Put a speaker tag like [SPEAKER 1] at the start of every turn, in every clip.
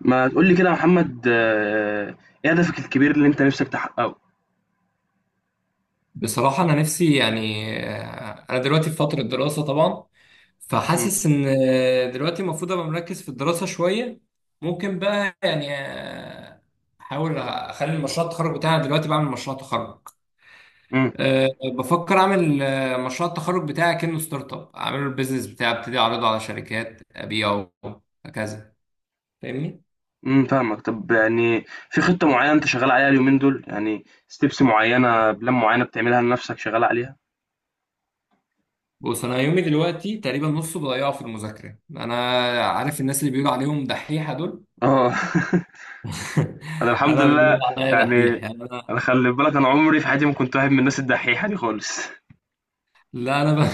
[SPEAKER 1] ما تقول لي كده يا محمد ايه هدفك الكبير اللي انت نفسك تحققه.
[SPEAKER 2] بصراحة أنا نفسي يعني أنا دلوقتي في فترة دراسة طبعا.
[SPEAKER 1] امم
[SPEAKER 2] فحاسس إن دلوقتي المفروض أبقى مركز في الدراسة شوية. ممكن بقى يعني أحاول أخلي مشروع التخرج بتاعي. أنا دلوقتي بعمل مشروع تخرج.
[SPEAKER 1] امم
[SPEAKER 2] أه. بفكر أعمل مشروع التخرج بتاعي كأنه ستارت أب، أعمله البيزنس بتاعي، أبتدي أعرضه على شركات أبيعه هكذا. فاهمني؟
[SPEAKER 1] فاهمك. طب يعني في خطة معينة انت شغال عليها اليومين دول، يعني ستيبس معينة، بلان معينة بتعملها لنفسك شغال عليها.
[SPEAKER 2] بص، أنا يومي دلوقتي تقريبا نصه بضيعه في المذاكرة. أنا عارف الناس اللي بيقولوا عليهم دحيحة دول.
[SPEAKER 1] اه. انا الحمد
[SPEAKER 2] انا بيقولوا
[SPEAKER 1] لله.
[SPEAKER 2] عليا دحيح
[SPEAKER 1] يعني
[SPEAKER 2] يعني
[SPEAKER 1] انا
[SPEAKER 2] انا.
[SPEAKER 1] خلي بالك، انا عمري في حياتي ما كنت واحد من الناس الدحيحة دي خالص.
[SPEAKER 2] لا، انا ب...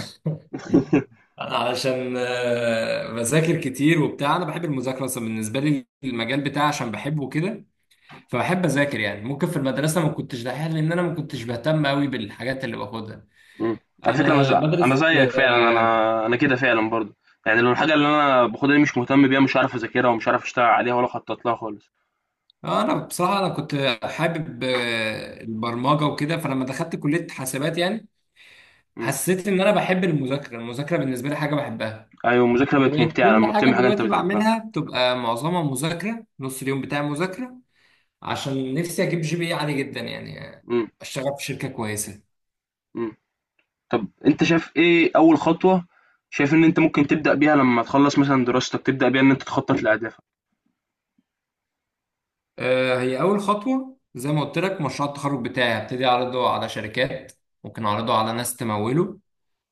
[SPEAKER 2] انا علشان بذاكر كتير وبتاع. انا بحب المذاكره اصلا، بالنسبه لي المجال بتاعي عشان بحبه كده. فبحب اذاكر. يعني ممكن في المدرسه ما كنتش دحيح، لان انا ما كنتش بهتم قوي بالحاجات اللي باخدها.
[SPEAKER 1] مم. على فكرة أنا
[SPEAKER 2] انا
[SPEAKER 1] أنا
[SPEAKER 2] بدرس
[SPEAKER 1] زيك فعلا، أنا كده فعلا برضو. يعني لو الحاجة اللي أنا باخدها دي مش مهتم بيها، مش عارف أذاكرها ومش عارف أشتغل عليها ولا أخطط لها خالص.
[SPEAKER 2] انا بصراحه انا كنت حابب البرمجه وكده. فلما دخلت كليه حاسبات يعني حسيت ان انا بحب المذاكره. المذاكره بالنسبه لي حاجه بحبها.
[SPEAKER 1] أيوه، المذاكرة بقت
[SPEAKER 2] فبقت
[SPEAKER 1] ممتعة
[SPEAKER 2] كل
[SPEAKER 1] لمّا
[SPEAKER 2] حاجة
[SPEAKER 1] بتعمل حاجة أنت
[SPEAKER 2] دلوقتي
[SPEAKER 1] بتحبها.
[SPEAKER 2] بعملها بتبقى معظمها مذاكرة. نص اليوم بتاعي مذاكرة، عشان نفسي أجيب GPA عالي جدا، يعني
[SPEAKER 1] إمم.
[SPEAKER 2] أشتغل في شركة كويسة.
[SPEAKER 1] إمم. طب أنت شايف إيه أول خطوة، شايف إن أنت ممكن تبدأ بيها لمّا تخلّص مثلًا دراستك، تبدأ بيها إن أنت تخطط لأهدافك؟
[SPEAKER 2] هي أول خطوة زي ما قلت لك، مشروع التخرج بتاعي هبتدي أعرضه على شركات، ممكن أعرضه على ناس تموله.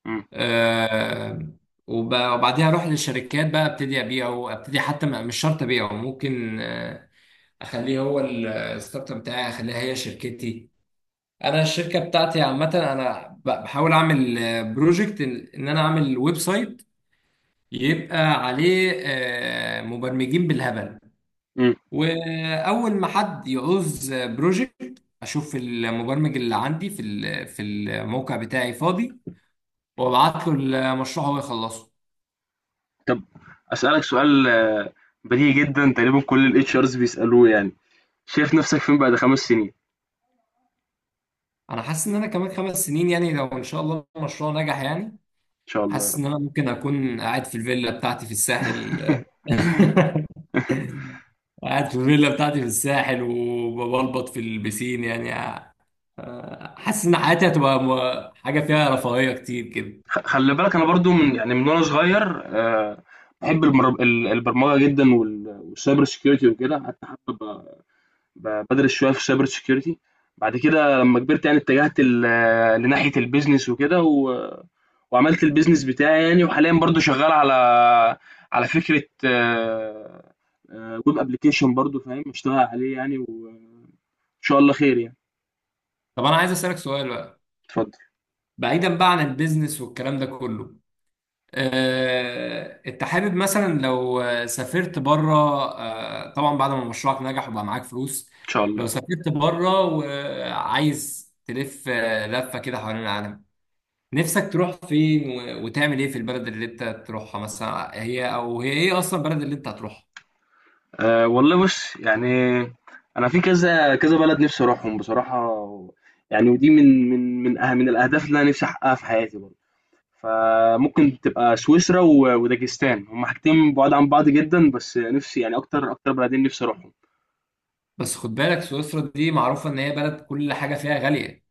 [SPEAKER 1] إمم.
[SPEAKER 2] آه، وبعديها أروح للشركات بقى أبتدي أبيعه. أبتدي حتى مش شرط أبيعه، ممكن أخليه هو الستارت اب بتاعي، أخليها هي شركتي. انا الشركه بتاعتي عامه انا بحاول اعمل بروجكت إن انا اعمل ويب سايت، يبقى عليه مبرمجين بالهبل.
[SPEAKER 1] إمم.
[SPEAKER 2] واول ما حد يعوز بروجكت اشوف المبرمج اللي عندي في الموقع بتاعي فاضي، وابعت له المشروع هو يخلصه.
[SPEAKER 1] طب أسألك سؤال بديهي جدًا، تقريبًا كل الHRs بيسألوه، يعني شايف نَفْسك فين بعد 5 سنين؟ إن
[SPEAKER 2] انا حاسس ان انا كمان 5 سنين، يعني لو ان شاء الله المشروع نجح، يعني
[SPEAKER 1] شاء الله يا
[SPEAKER 2] حاسس
[SPEAKER 1] رب.
[SPEAKER 2] ان انا ممكن اكون قاعد في الفيلا بتاعتي في الساحل. قاعد في الفيلا بتاعتي في الساحل وببلبط في البسين يعني. حاسس ان حياتي هتبقى حاجه فيها رفاهيه كتير كده.
[SPEAKER 1] خلّي بالك أنا برضه، من يعني من وأنا صغير باحب المر ال البرمجة جدًا، والcyber security وكده. حتى حابب بدرس شويه في سايبر سيكيورتي. بعد كده لما كبرت يعني اتجهت لناحيه البيزنس وكده وعملت البيزنس بتاعي يعني. وحاليا برضو شغال على على فكره ويب ابلكيشن برضو فاهم، اشتغل عليه يعني، وان شاء الله خير يعني.
[SPEAKER 2] طب انا عايز اسالك سؤال بقى،
[SPEAKER 1] اتفضل.
[SPEAKER 2] بعيدا بقى عن البيزنس والكلام ده كله. انت حابب مثلا لو سافرت بره، طبعا بعد ما مشروعك نجح وبقى معاك فلوس،
[SPEAKER 1] ان شاء
[SPEAKER 2] لو
[SPEAKER 1] الله.
[SPEAKER 2] سافرت بره وعايز تلف لفه كده حوالين العالم، نفسك تروح فين و- وتعمل ايه في البلد اللي انت تروحها؟ مثلا هي ايه اصلا البلد اللي انت هتروحها؟
[SPEAKER 1] أه والله بص يعني، انا في كذا كذا بلد نفسي اروحهم بصراحه. يعني ودي من الاهداف اللي انا نفسي احققها في حياتي برضو. فممكن تبقى سويسرا وداجستان، هما حاجتين بعاد عن بعض جدا، بس نفسي يعني اكتر اكتر بلدين نفسي اروحهم.
[SPEAKER 2] بس خد بالك سويسرا دي معروفة ان هي بلد كل حاجة فيها غالية.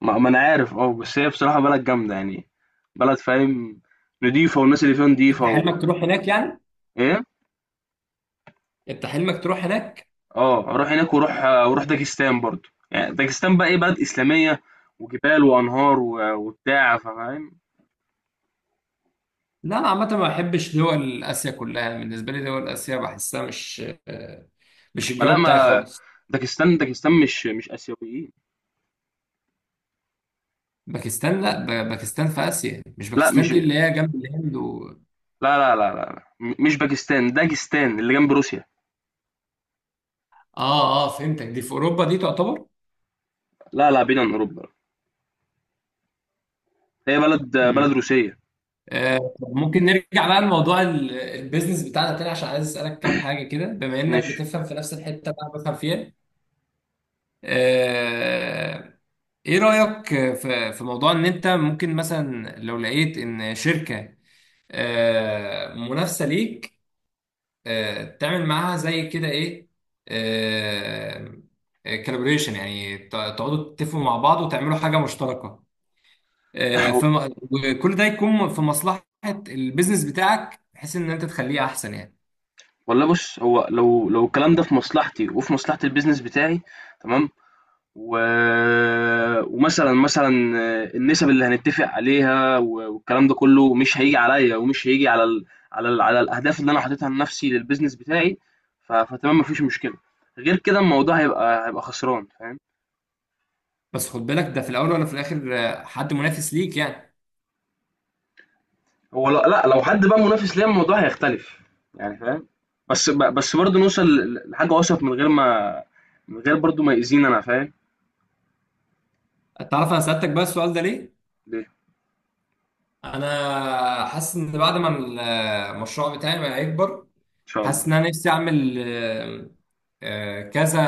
[SPEAKER 1] ما انا عارف، اه، بس هي بصراحة بلد جامدة يعني، بلد فاهم، نضيفة والناس اللي فيها
[SPEAKER 2] انت
[SPEAKER 1] نضيفة و…
[SPEAKER 2] حلمك تروح هناك يعني؟
[SPEAKER 1] ايه.
[SPEAKER 2] انت حلمك تروح هناك؟
[SPEAKER 1] اه، اروح هناك، واروح داجستان برضو. يعني داجستان بقى ايه، بلد اسلامية وجبال وانهار وبتاع فاهم.
[SPEAKER 2] لا، انا عامة ما بحبش دول اسيا كلها. بالنسبة لي دول اسيا بحسها آه، مش
[SPEAKER 1] ما لا
[SPEAKER 2] الجو بتاعي
[SPEAKER 1] ما
[SPEAKER 2] خالص.
[SPEAKER 1] داجستان، داجستان مش اسيويين.
[SPEAKER 2] باكستان؟ لا، باكستان في اسيا. مش
[SPEAKER 1] لا
[SPEAKER 2] باكستان
[SPEAKER 1] مش
[SPEAKER 2] دي
[SPEAKER 1] لا
[SPEAKER 2] اللي هي جنب الهند و...
[SPEAKER 1] لا لا لا لا. مش باكستان، داجستان اللي جنب روسيا.
[SPEAKER 2] اه، اه، فهمتك. دي في اوروبا، دي تعتبر.
[SPEAKER 1] لا لا، بعيد عن اوروبا، هي بلد بلد
[SPEAKER 2] مم.
[SPEAKER 1] روسية.
[SPEAKER 2] ممكن نرجع بقى لموضوع البيزنس بتاعنا تاني، عشان عايز اسالك كام حاجه كده بما انك
[SPEAKER 1] ماشي.
[SPEAKER 2] بتفهم في نفس الحته اللي انا بفهم فيها. آه، ايه رايك في موضوع ان انت ممكن مثلا لو لقيت ان شركه منافسه ليك، تعمل معاها زي كده ايه، كالبريشن يعني؟ تقعدوا تتفقوا مع بعض وتعملوا حاجه مشتركه، آه،
[SPEAKER 1] هو-
[SPEAKER 2] فم... وكل ده يكون في مصلحة البيزنس بتاعك بحيث ان انت تخليه احسن يعني.
[SPEAKER 1] والله بص، هو لو الكلام ده في مصلحتي وفي مصلحة البيزنس بتاعي، تمام. و... ومثلا، مثلا النسب اللي هنتفق عليها والكلام ده كله مش هيجي عليا، ومش هيجي على على الاهداف اللي انا حاططها لنفسي للبيزنس بتاعي. فتمام، مفيش مشكلة. غير كده الموضوع هيبقى هيبقى خسران فاهم.
[SPEAKER 2] بس خد بالك ده في الاول ولا في الاخر حد منافس ليك يعني.
[SPEAKER 1] هو لا, لا لو حد بقى منافس ليا الموضوع هيختلف يعني فاهم. بس بس برضه نوصل لحاجة أوسط، من غير ما، من غير برضه ما يأذينا، أنا فاهم.
[SPEAKER 2] تعرف انا سألتك بقى السؤال ده ليه؟
[SPEAKER 1] ليه؟ إن
[SPEAKER 2] انا حاسس ان بعد ما المشروع بتاعي ما هيكبر،
[SPEAKER 1] شاء
[SPEAKER 2] حاسس ان
[SPEAKER 1] الله.
[SPEAKER 2] انا نفسي اعمل كذا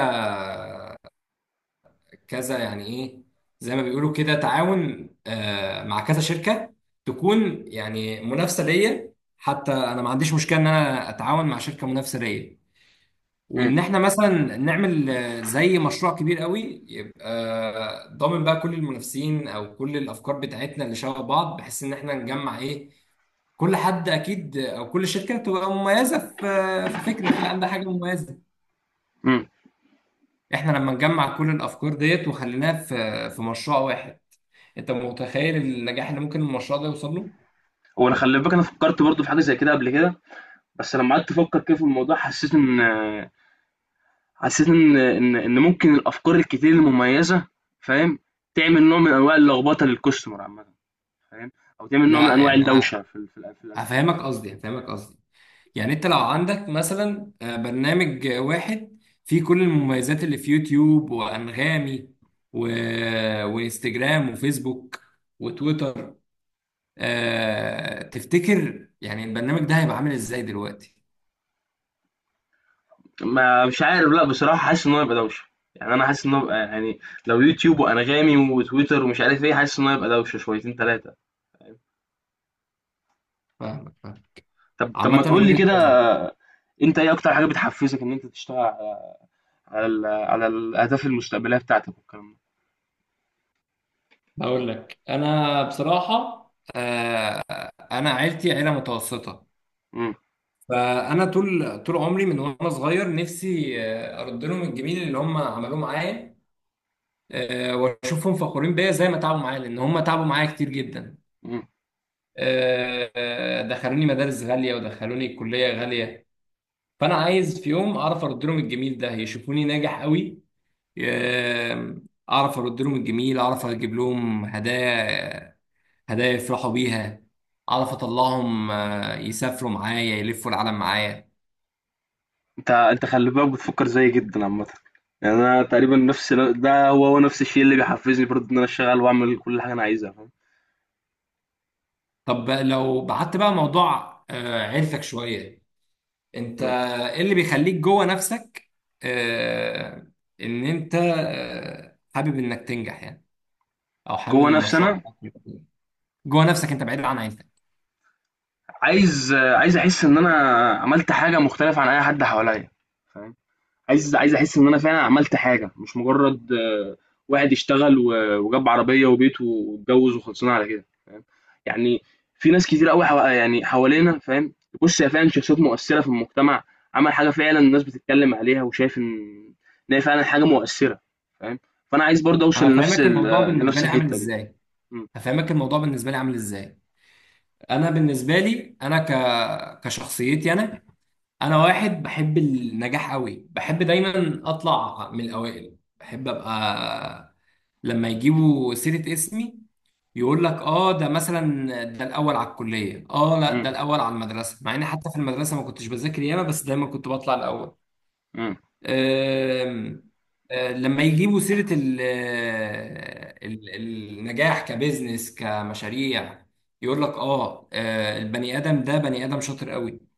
[SPEAKER 2] كذا يعني ايه، زي ما بيقولوا كده تعاون، مع كذا شركه تكون يعني منافسه ليا. حتى انا ما عنديش مشكله ان انا اتعاون مع شركه منافسه ليا،
[SPEAKER 1] امم
[SPEAKER 2] وان احنا مثلا نعمل زي مشروع كبير قوي. يبقى ضامن بقى كل المنافسين او كل الافكار بتاعتنا اللي شبه بعض، بحيث ان احنا نجمع ايه. كل حد اكيد او كل شركه تبقى مميزه في فكره، في عندها حاجه مميزه.
[SPEAKER 1] امم
[SPEAKER 2] احنا لما نجمع كل الافكار ديت وخليناها في مشروع واحد، انت متخيل النجاح اللي ممكن المشروع ده يوصل له؟
[SPEAKER 1] هو أنا خلي بالك أنا فكرت برضه في حاجة زي كده قبل كده. بس لما قعدت أفكر كده في الموضوع، حسيت إن، حسيت إن ممكن الأفكار الكتير المميزة، فاهم، تعمل نوع من أنواع اللخبطة للكاستمر عامة، فاهم، أو تعمل نوع من
[SPEAKER 2] لا
[SPEAKER 1] أنواع
[SPEAKER 2] يعني
[SPEAKER 1] الدوشة في
[SPEAKER 2] هفهمك قصدي. يعني انت لو عندك مثلا برنامج واحد فيه كل المميزات اللي في يوتيوب وانغامي و... وانستجرام وفيسبوك وتويتر، تفتكر يعني البرنامج ده هيبقى عامل ازاي دلوقتي؟
[SPEAKER 1] ما مش عارف لا بصراحة، حاسس ان هو يبقى دوشة. يعني انا حاسس ان هو يبقى يعني، لو يوتيوب وانغامي وتويتر ومش عارف ايه، حاسس ان هو يبقى دوشة شويتين ثلاثة.
[SPEAKER 2] فاهمك، فاهم.
[SPEAKER 1] طب
[SPEAKER 2] عامة
[SPEAKER 1] ما تقول لي
[SPEAKER 2] وجهة
[SPEAKER 1] كده،
[SPEAKER 2] نظري،
[SPEAKER 1] انت ايه اكتر حاجة بتحفزك ان انت تشتغل على، على على الاهداف المستقبلية بتاعتك والكلام ده.
[SPEAKER 2] هقول لك انا بصراحة، آه، انا عيلتي عيله متوسطه.
[SPEAKER 1] مم.
[SPEAKER 2] فانا طول طول عمري من وانا صغير نفسي ارد لهم الجميل اللي هم عملوه معايا، واشوفهم فخورين بيا زي ما تعبوا معايا، لان هم تعبوا معايا كتير جدا.
[SPEAKER 1] مم.
[SPEAKER 2] دخلوني مدارس غاليه ودخلوني كليه غاليه. فانا عايز في يوم اعرف ارد لهم الجميل ده، يشوفوني ناجح قوي. آه، اعرف ارد لهم الجميل، اعرف اجيب لهم هدايا، هدايا يفرحوا بيها، اعرف اطلعهم يسافروا معايا، يلفوا العالم معايا.
[SPEAKER 1] انت انت خلي بالك بتفكر زيي جدا عامة. يعني انا تقريبا نفس ده هو نفس الشيء اللي بيحفزني برضه، ان انا اشتغل واعمل كل حاجة انا عايزها، فاهم.
[SPEAKER 2] طب لو بعدت بقى موضوع عيلتك شوية، انت
[SPEAKER 1] مم.
[SPEAKER 2] ايه اللي بيخليك جوه نفسك، آه، ان انت حابب انك تنجح يعني؟ او حابب ان
[SPEAKER 1] جوه نفسي
[SPEAKER 2] المشروع
[SPEAKER 1] انا،
[SPEAKER 2] بتاعك يبقى كده؟ جوه نفسك انت بعيد عن عيلتك.
[SPEAKER 1] عايز أحس إن أنا عملت حاجة مختلفة عن أي حد حواليّا، فاهم؟ عايز أحس إن أنا فعلًا عملت حاجة، مش مجرد واحد اشتغل و وجاب عربية وبيت واتجوز وخلصنا على كده، فاهم؟ يعني في ناس كتير أوي حوالينا فاهم، تبُص هي فعلًا شخصيات مؤثرة في المجتمع، عمل حاجة فعلًا الناس بتتكلم عليها، وشايف إن إن هي فعلًا حاجة مؤثرة، فاهم؟ فأنا عايز برضه أوصل
[SPEAKER 2] انا
[SPEAKER 1] لنفس
[SPEAKER 2] هفهمك
[SPEAKER 1] ال،
[SPEAKER 2] الموضوع بالنسبة
[SPEAKER 1] لنفس
[SPEAKER 2] لي عامل
[SPEAKER 1] الحتة دي.
[SPEAKER 2] ازاي.
[SPEAKER 1] إمم.
[SPEAKER 2] هفهمك الموضوع بالنسبة لي عامل ازاي. انا بالنسبة لي انا كشخصيتي انا، انا واحد بحب النجاح قوي، بحب دايما اطلع من الاوائل، بحب ابقى لما يجيبوا سيرة اسمي يقول لك اه، ده مثلا ده الاول على الكلية. اه، لا،
[SPEAKER 1] إمم.
[SPEAKER 2] ده الاول على المدرسة، مع اني حتى في المدرسة ما كنتش بذاكر ياما، بس دايما كنت بطلع الاول.
[SPEAKER 1] إمم.
[SPEAKER 2] أم... آه، لما يجيبوا سيرة النجاح كبزنس كمشاريع، يقول لك اه، البني ادم ده بني ادم شاطر قوي.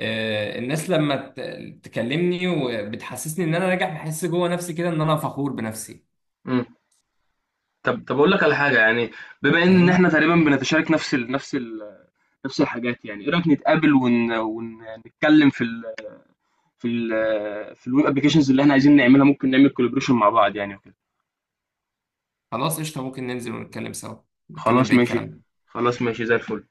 [SPEAKER 2] الناس لما تكلمني وبتحسسني ان انا ناجح، بحس جوه نفسي كده ان انا فخور بنفسي.
[SPEAKER 1] إمم. طب اقول لك على حاجه يعني، بما ان
[SPEAKER 2] فاهمني.
[SPEAKER 1] احنا تقريبا بنتشارك نفس الحاجات، يعني ايه رايك نتقابل ونتكلم في ال في ال في الويب ابلكيشنز اللي احنا عايزين نعملها، ممكن نعمل كولابريشن مع بعض يعني وكده.
[SPEAKER 2] خلاص قشطه، ممكن ننزل ونتكلم سوا،
[SPEAKER 1] خلاص
[SPEAKER 2] نكمل بقيه
[SPEAKER 1] ماشي،
[SPEAKER 2] كلامنا.
[SPEAKER 1] خلاص ماشي زي الفل.